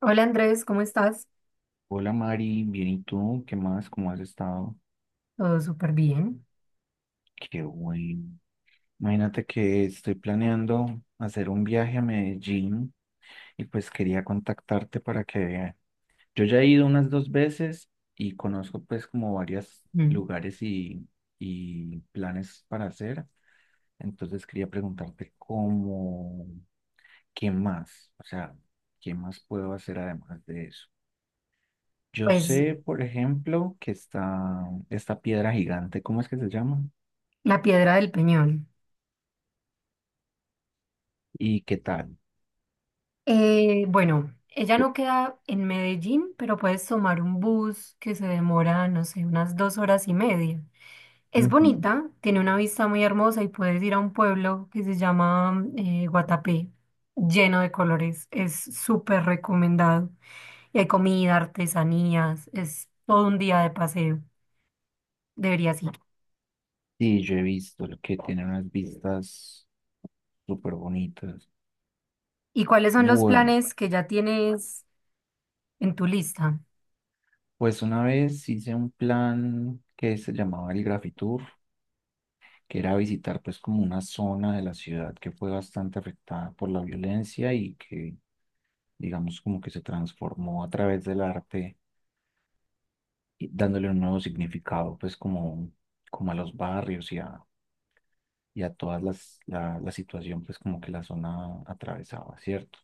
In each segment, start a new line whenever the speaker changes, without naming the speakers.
Hola Andrés, ¿cómo estás?
Hola Mari, bien y tú, ¿qué más? ¿Cómo has estado?
Todo súper bien.
Qué bueno. Imagínate que estoy planeando hacer un viaje a Medellín y pues quería contactarte para que yo ya he ido unas 2 veces y conozco pues como varios
Mm.
lugares y planes para hacer. Entonces quería preguntarte cómo, ¿qué más? O sea, ¿qué más puedo hacer además de eso? Yo
Pues
sé, por ejemplo, que está esta piedra gigante, ¿cómo es que se llama?
la Piedra del Peñón.
¿Y qué tal?
Bueno, ella no queda en Medellín, pero puedes tomar un bus que se demora, no sé, unas dos horas y media. Es
Ujú.
bonita, tiene una vista muy hermosa y puedes ir a un pueblo que se llama Guatapé, lleno de colores. Es súper recomendado. Y hay comida, artesanías, es todo un día de paseo. Deberías ir.
Sí, yo he visto el que tiene unas vistas súper bonitas.
¿Y cuáles son los
Bueno,
planes que ya tienes en tu lista?
pues una vez hice un plan que se llamaba el Grafitour, que era visitar pues como una zona de la ciudad que fue bastante afectada por la violencia y que digamos como que se transformó a través del arte y dándole un nuevo significado pues como, como a los barrios y a todas la situación pues como que la zona atravesaba, ¿cierto?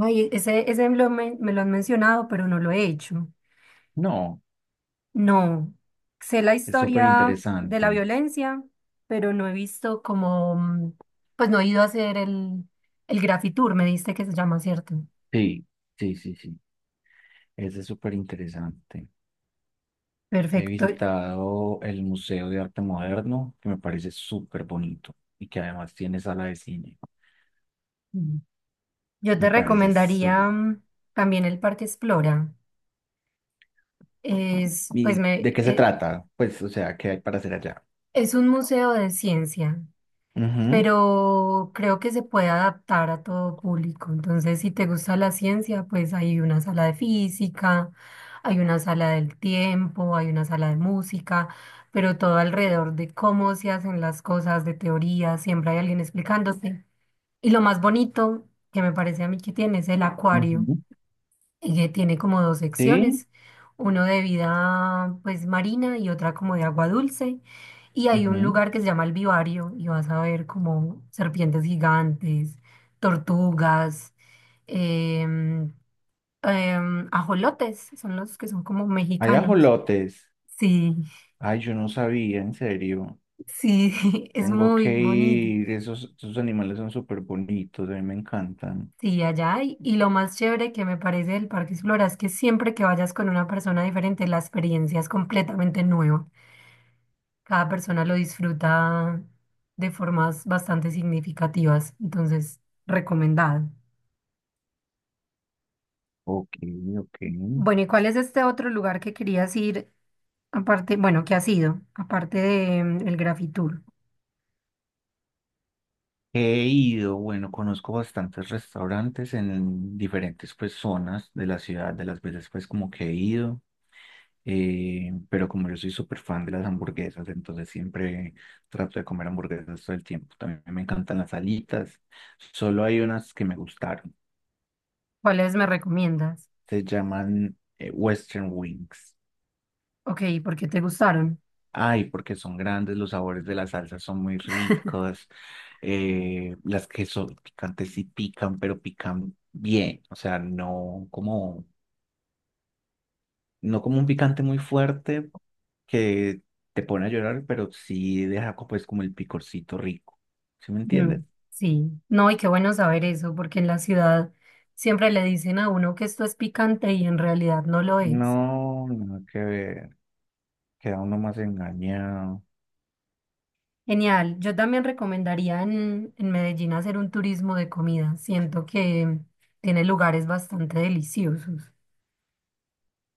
Ay, ese me lo, men- me lo han mencionado, pero no lo he hecho.
No,
No, sé la
es súper
historia de la
interesante.
violencia, pero no he visto como, pues no he ido a hacer el Grafitour, me diste que se llama, ¿cierto?
Sí, sí. Ese es súper interesante. He
Perfecto.
visitado el Museo de Arte Moderno, que me parece súper bonito y que además tiene sala de cine.
Mm. Yo
Me
te
parece
recomendaría
súper.
también el Parque Explora. Es, pues
¿Y
me,
de qué se
eh,
trata? Pues, o sea, ¿qué hay para hacer allá?
es un museo de ciencia,
Ujú,
pero creo que se puede adaptar a todo público. Entonces, si te gusta la ciencia, pues hay una sala de física, hay una sala del tiempo, hay una sala de música, pero todo alrededor de cómo se hacen las cosas, de teoría, siempre hay alguien explicándote. Y lo más bonito que me parece a mí que tiene es el acuario.
ujú.
Ella tiene como dos
Sí,
secciones, uno de vida pues marina y otra como de agua dulce. Y hay un
ujú.
lugar que se llama el Vivario y vas a ver como serpientes gigantes, tortugas, em, ajolotes, son los que son como
Hay
mexicanos.
ajolotes.
Sí,
Ay, yo no sabía, en serio.
sí, es
Tengo
muy
que
bonito.
ir. Esos animales son súper bonitos, a mí me encantan.
Sí, allá hay. Y lo más chévere que me parece del Parque Explora es que siempre que vayas con una persona diferente, la experiencia es completamente nueva. Cada persona lo disfruta de formas bastante significativas, entonces recomendado.
Ok, ok.
Bueno, ¿y cuál es este otro lugar que querías ir aparte, bueno, que has ido, aparte de el Grafitour?
He ido, bueno, conozco bastantes restaurantes en diferentes pues zonas de la ciudad, de las veces pues como que he ido, pero como yo soy súper fan de las hamburguesas, entonces siempre trato de comer hamburguesas todo el tiempo. También me encantan las alitas, solo hay unas que me gustaron,
¿Cuáles me recomiendas?
se llaman Western Wings.
Ok, ¿por qué te gustaron?
Ay, porque son grandes, los sabores de las salsas son muy ricos, las que son picantes sí pican, pero pican bien, o sea, no como un picante muy fuerte que te pone a llorar, pero sí deja pues como el picorcito rico, ¿sí me
Mm,
entiendes?
sí, no, y qué bueno saber eso, porque en la ciudad siempre le dicen a uno que esto es picante y en realidad no lo es.
No, no, que ver, queda uno más engañado.
Genial. Yo también recomendaría en Medellín hacer un turismo de comida. Siento que tiene lugares bastante deliciosos.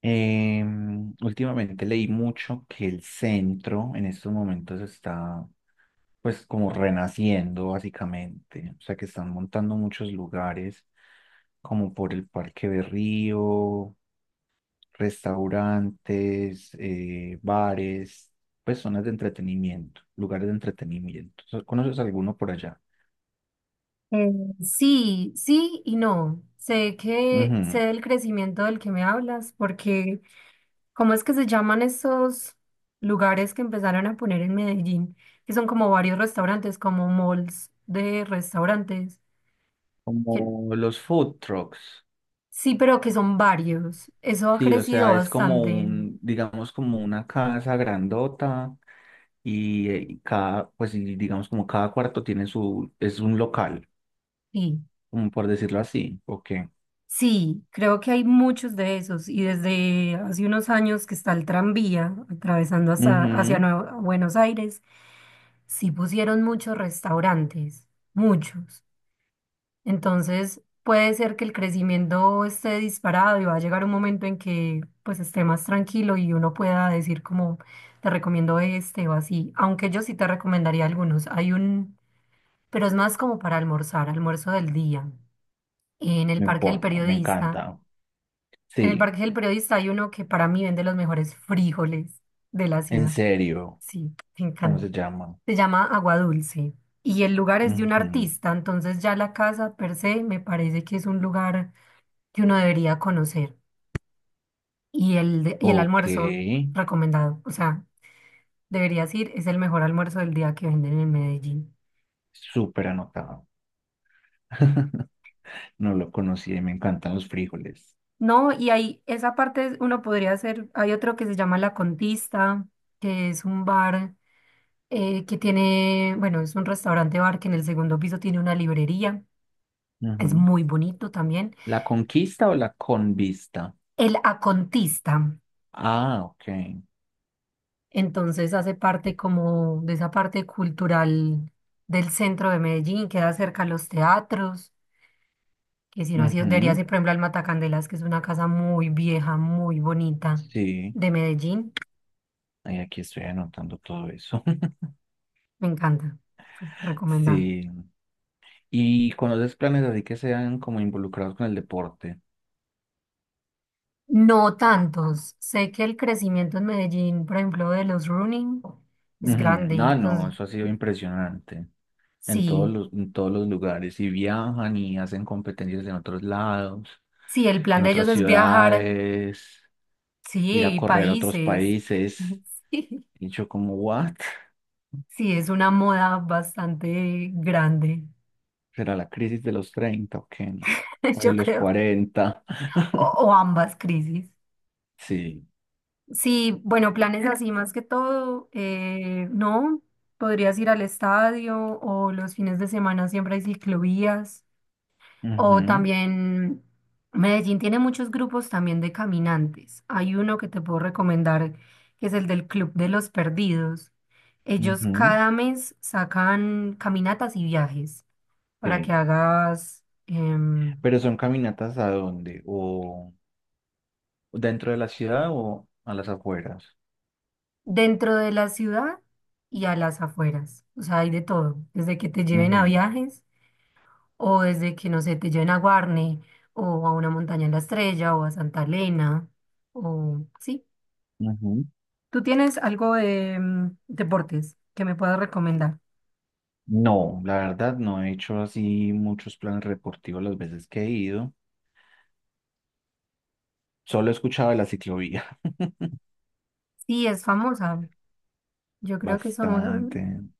Últimamente leí mucho que el centro en estos momentos está pues como renaciendo básicamente, o sea que están montando muchos lugares como por el Parque de Río, restaurantes, bares, pues zonas de entretenimiento, lugares de entretenimiento. ¿Conoces alguno por allá?
Eh, sí, sí y no. Sé que
Ujú,
sé del crecimiento del que me hablas, porque ¿cómo es que se llaman esos lugares que empezaron a poner en Medellín? Que son como varios restaurantes, como malls de restaurantes. que-
como los food trucks.
sí, pero que son varios. Eso ha
Sí, o
crecido
sea, es como
bastante.
un, digamos, como una casa grandota y cada, pues y digamos como cada cuarto tiene su, es un local,
Sí.
como por decirlo así. Ok,
Sí, creo que hay muchos de esos y desde hace unos años que está el tranvía atravesando hacia
ujú,
Buenos Aires, sí pusieron muchos restaurantes, muchos. Entonces puede ser que el crecimiento esté disparado y va a llegar un momento en que pues esté más tranquilo y uno pueda decir como te recomiendo este o así, aunque yo sí te recomendaría algunos. Hay un, pero es más como para almorzar, almuerzo del día en el
me
Parque del
importa, me
Periodista.
encanta.
En
Sí,
el Parque del Periodista hay uno que para mí vende los mejores frijoles de la
en
ciudad.
serio,
Sí, me
¿cómo
encanta.
se llama?
Se llama Agua Dulce y el lugar es de un
Ujú,
artista, entonces ya la casa per se me parece que es un lugar que uno debería conocer. Y el
ok,
almuerzo recomendado, o sea, deberías ir, es el mejor almuerzo del día que venden en Medellín.
súper anotado. No lo conocí, me encantan los frijoles.
No, y ahí esa parte es uno podría hacer, hay otro que se llama La Contista, que es un bar, que tiene, bueno, es un restaurante bar que en el segundo piso tiene una librería, es
Ujú.
muy bonito también.
¿La conquista o la convista?
El Acontista,
Ah, ok.
entonces hace parte como de esa parte cultural del centro de Medellín, queda cerca a los teatros, que debería
Ujú.
ser, por ejemplo, al Matacandelas, que es una casa muy vieja, muy bonita
Sí,
de Medellín,
ay, aquí estoy anotando todo eso.
me encanta, súper recomendado.
Sí. ¿Y conoces planes así que sean como involucrados con el deporte?
No tantos. Sé que el crecimiento en Medellín, por ejemplo, de los running es
Ujú,
grande.
no, no,
Entonces,
eso ha sido impresionante. En todos
Sí,
en todos los lugares. Y viajan y hacen competencias en otros lados,
sí, el plan
en
de ellos
otras
es viajar,
ciudades, ir a
sí,
correr a otros
países.
países.
Sí,
Y yo como, ¿what?
sí, es una moda bastante grande,
¿Será la crisis de los 30 o qué? O de
yo
los
creo,
40.
o ambas crisis.
Sí.
Sí, bueno, planes así más que todo, no, podrías ir al estadio o los fines de semana siempre hay ciclovías. O
Ujú.
también Medellín tiene muchos grupos también de caminantes. Hay uno que te puedo recomendar, que es el del Club de los Perdidos. Ellos
Ujú,
cada mes sacan caminatas y viajes para que
sí.
hagas
¿Pero son caminatas a dónde? ¿O dentro de la ciudad o a las afueras?
dentro de la ciudad y a las afueras. O sea, hay de todo, desde que te lleven a
Ujú,
viajes o desde que, no sé, te lleven a Guarne o a una montaña en la Estrella o a Santa Elena o sí.
ujú.
¿Tú tienes algo de deportes que me puedas recomendar?
No, la verdad no he hecho así muchos planes deportivos las veces que he ido. Solo he escuchado de la ciclovía.
Sí, es famosa. Yo creo que
Bastante.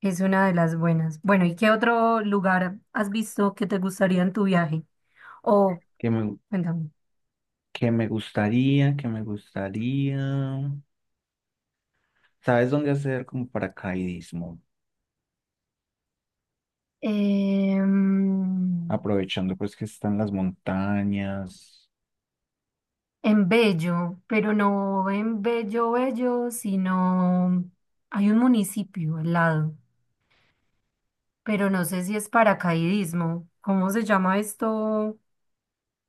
es una de las buenas. Bueno, ¿y qué otro lugar has visto que te gustaría en tu viaje? O,
Que me,
cuéntame.
que me gustaría, que me gustaría. ¿Sabes dónde hacer como paracaidismo?
Em,
Aprovechando pues que están las montañas.
en Bello, pero no en Bello Bello, sino hay un municipio al lado, pero no sé si es paracaidismo. ¿Cómo se llama esto?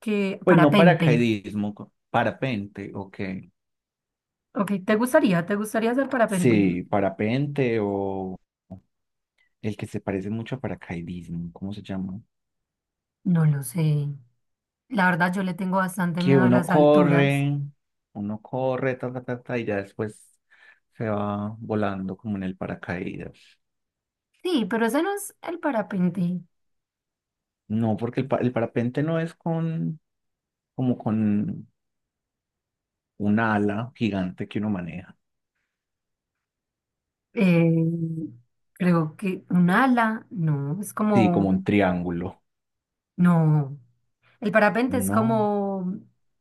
Que
Pues no
parapente.
paracaidismo, parapente, ok.
Ok, ¿te gustaría? ¿Te gustaría hacer parapente?
Sí, parapente o el que se parece mucho a paracaidismo, ¿cómo se llama?
No lo sé. La verdad, yo le tengo bastante
Que
miedo a
uno
las alturas.
corre, uno corre, ta, ta, ta, ta, y ya después se va volando como en el paracaídas.
Sí, pero ese no es el parapente.
No, porque el parapente no es con, como con un ala gigante que uno maneja.
Eh, creo que un ala, no, es
Sí, como
como,
un triángulo.
no. El parapente es
No,
como,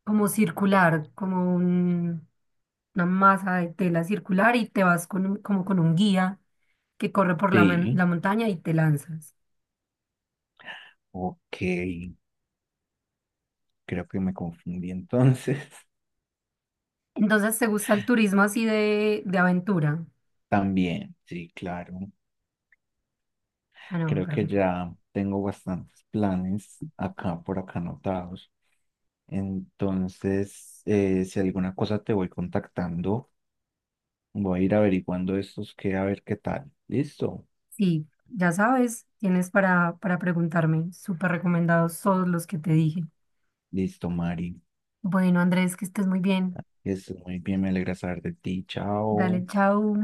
como circular, como un- una masa de tela circular y te vas con un- como con un guía que corre por la,
sí,
la montaña y te lanzas.
ok, creo que me confundí entonces.
Entonces, ¿te gusta el turismo así de aventura?
También, sí, claro.
Ah, no,
Creo que
perfecto.
ya tengo bastantes planes acá por acá anotados. Entonces, si alguna cosa te voy contactando, voy a ir averiguando estos que a ver qué tal. Listo,
Sí, ya sabes, tienes para preguntarme. Súper recomendados todos los que te dije.
listo, Mari.
Bueno, Andrés, que estés muy bien.
Es muy bien, me alegra saber de ti.
Dale,
Chao.
chao.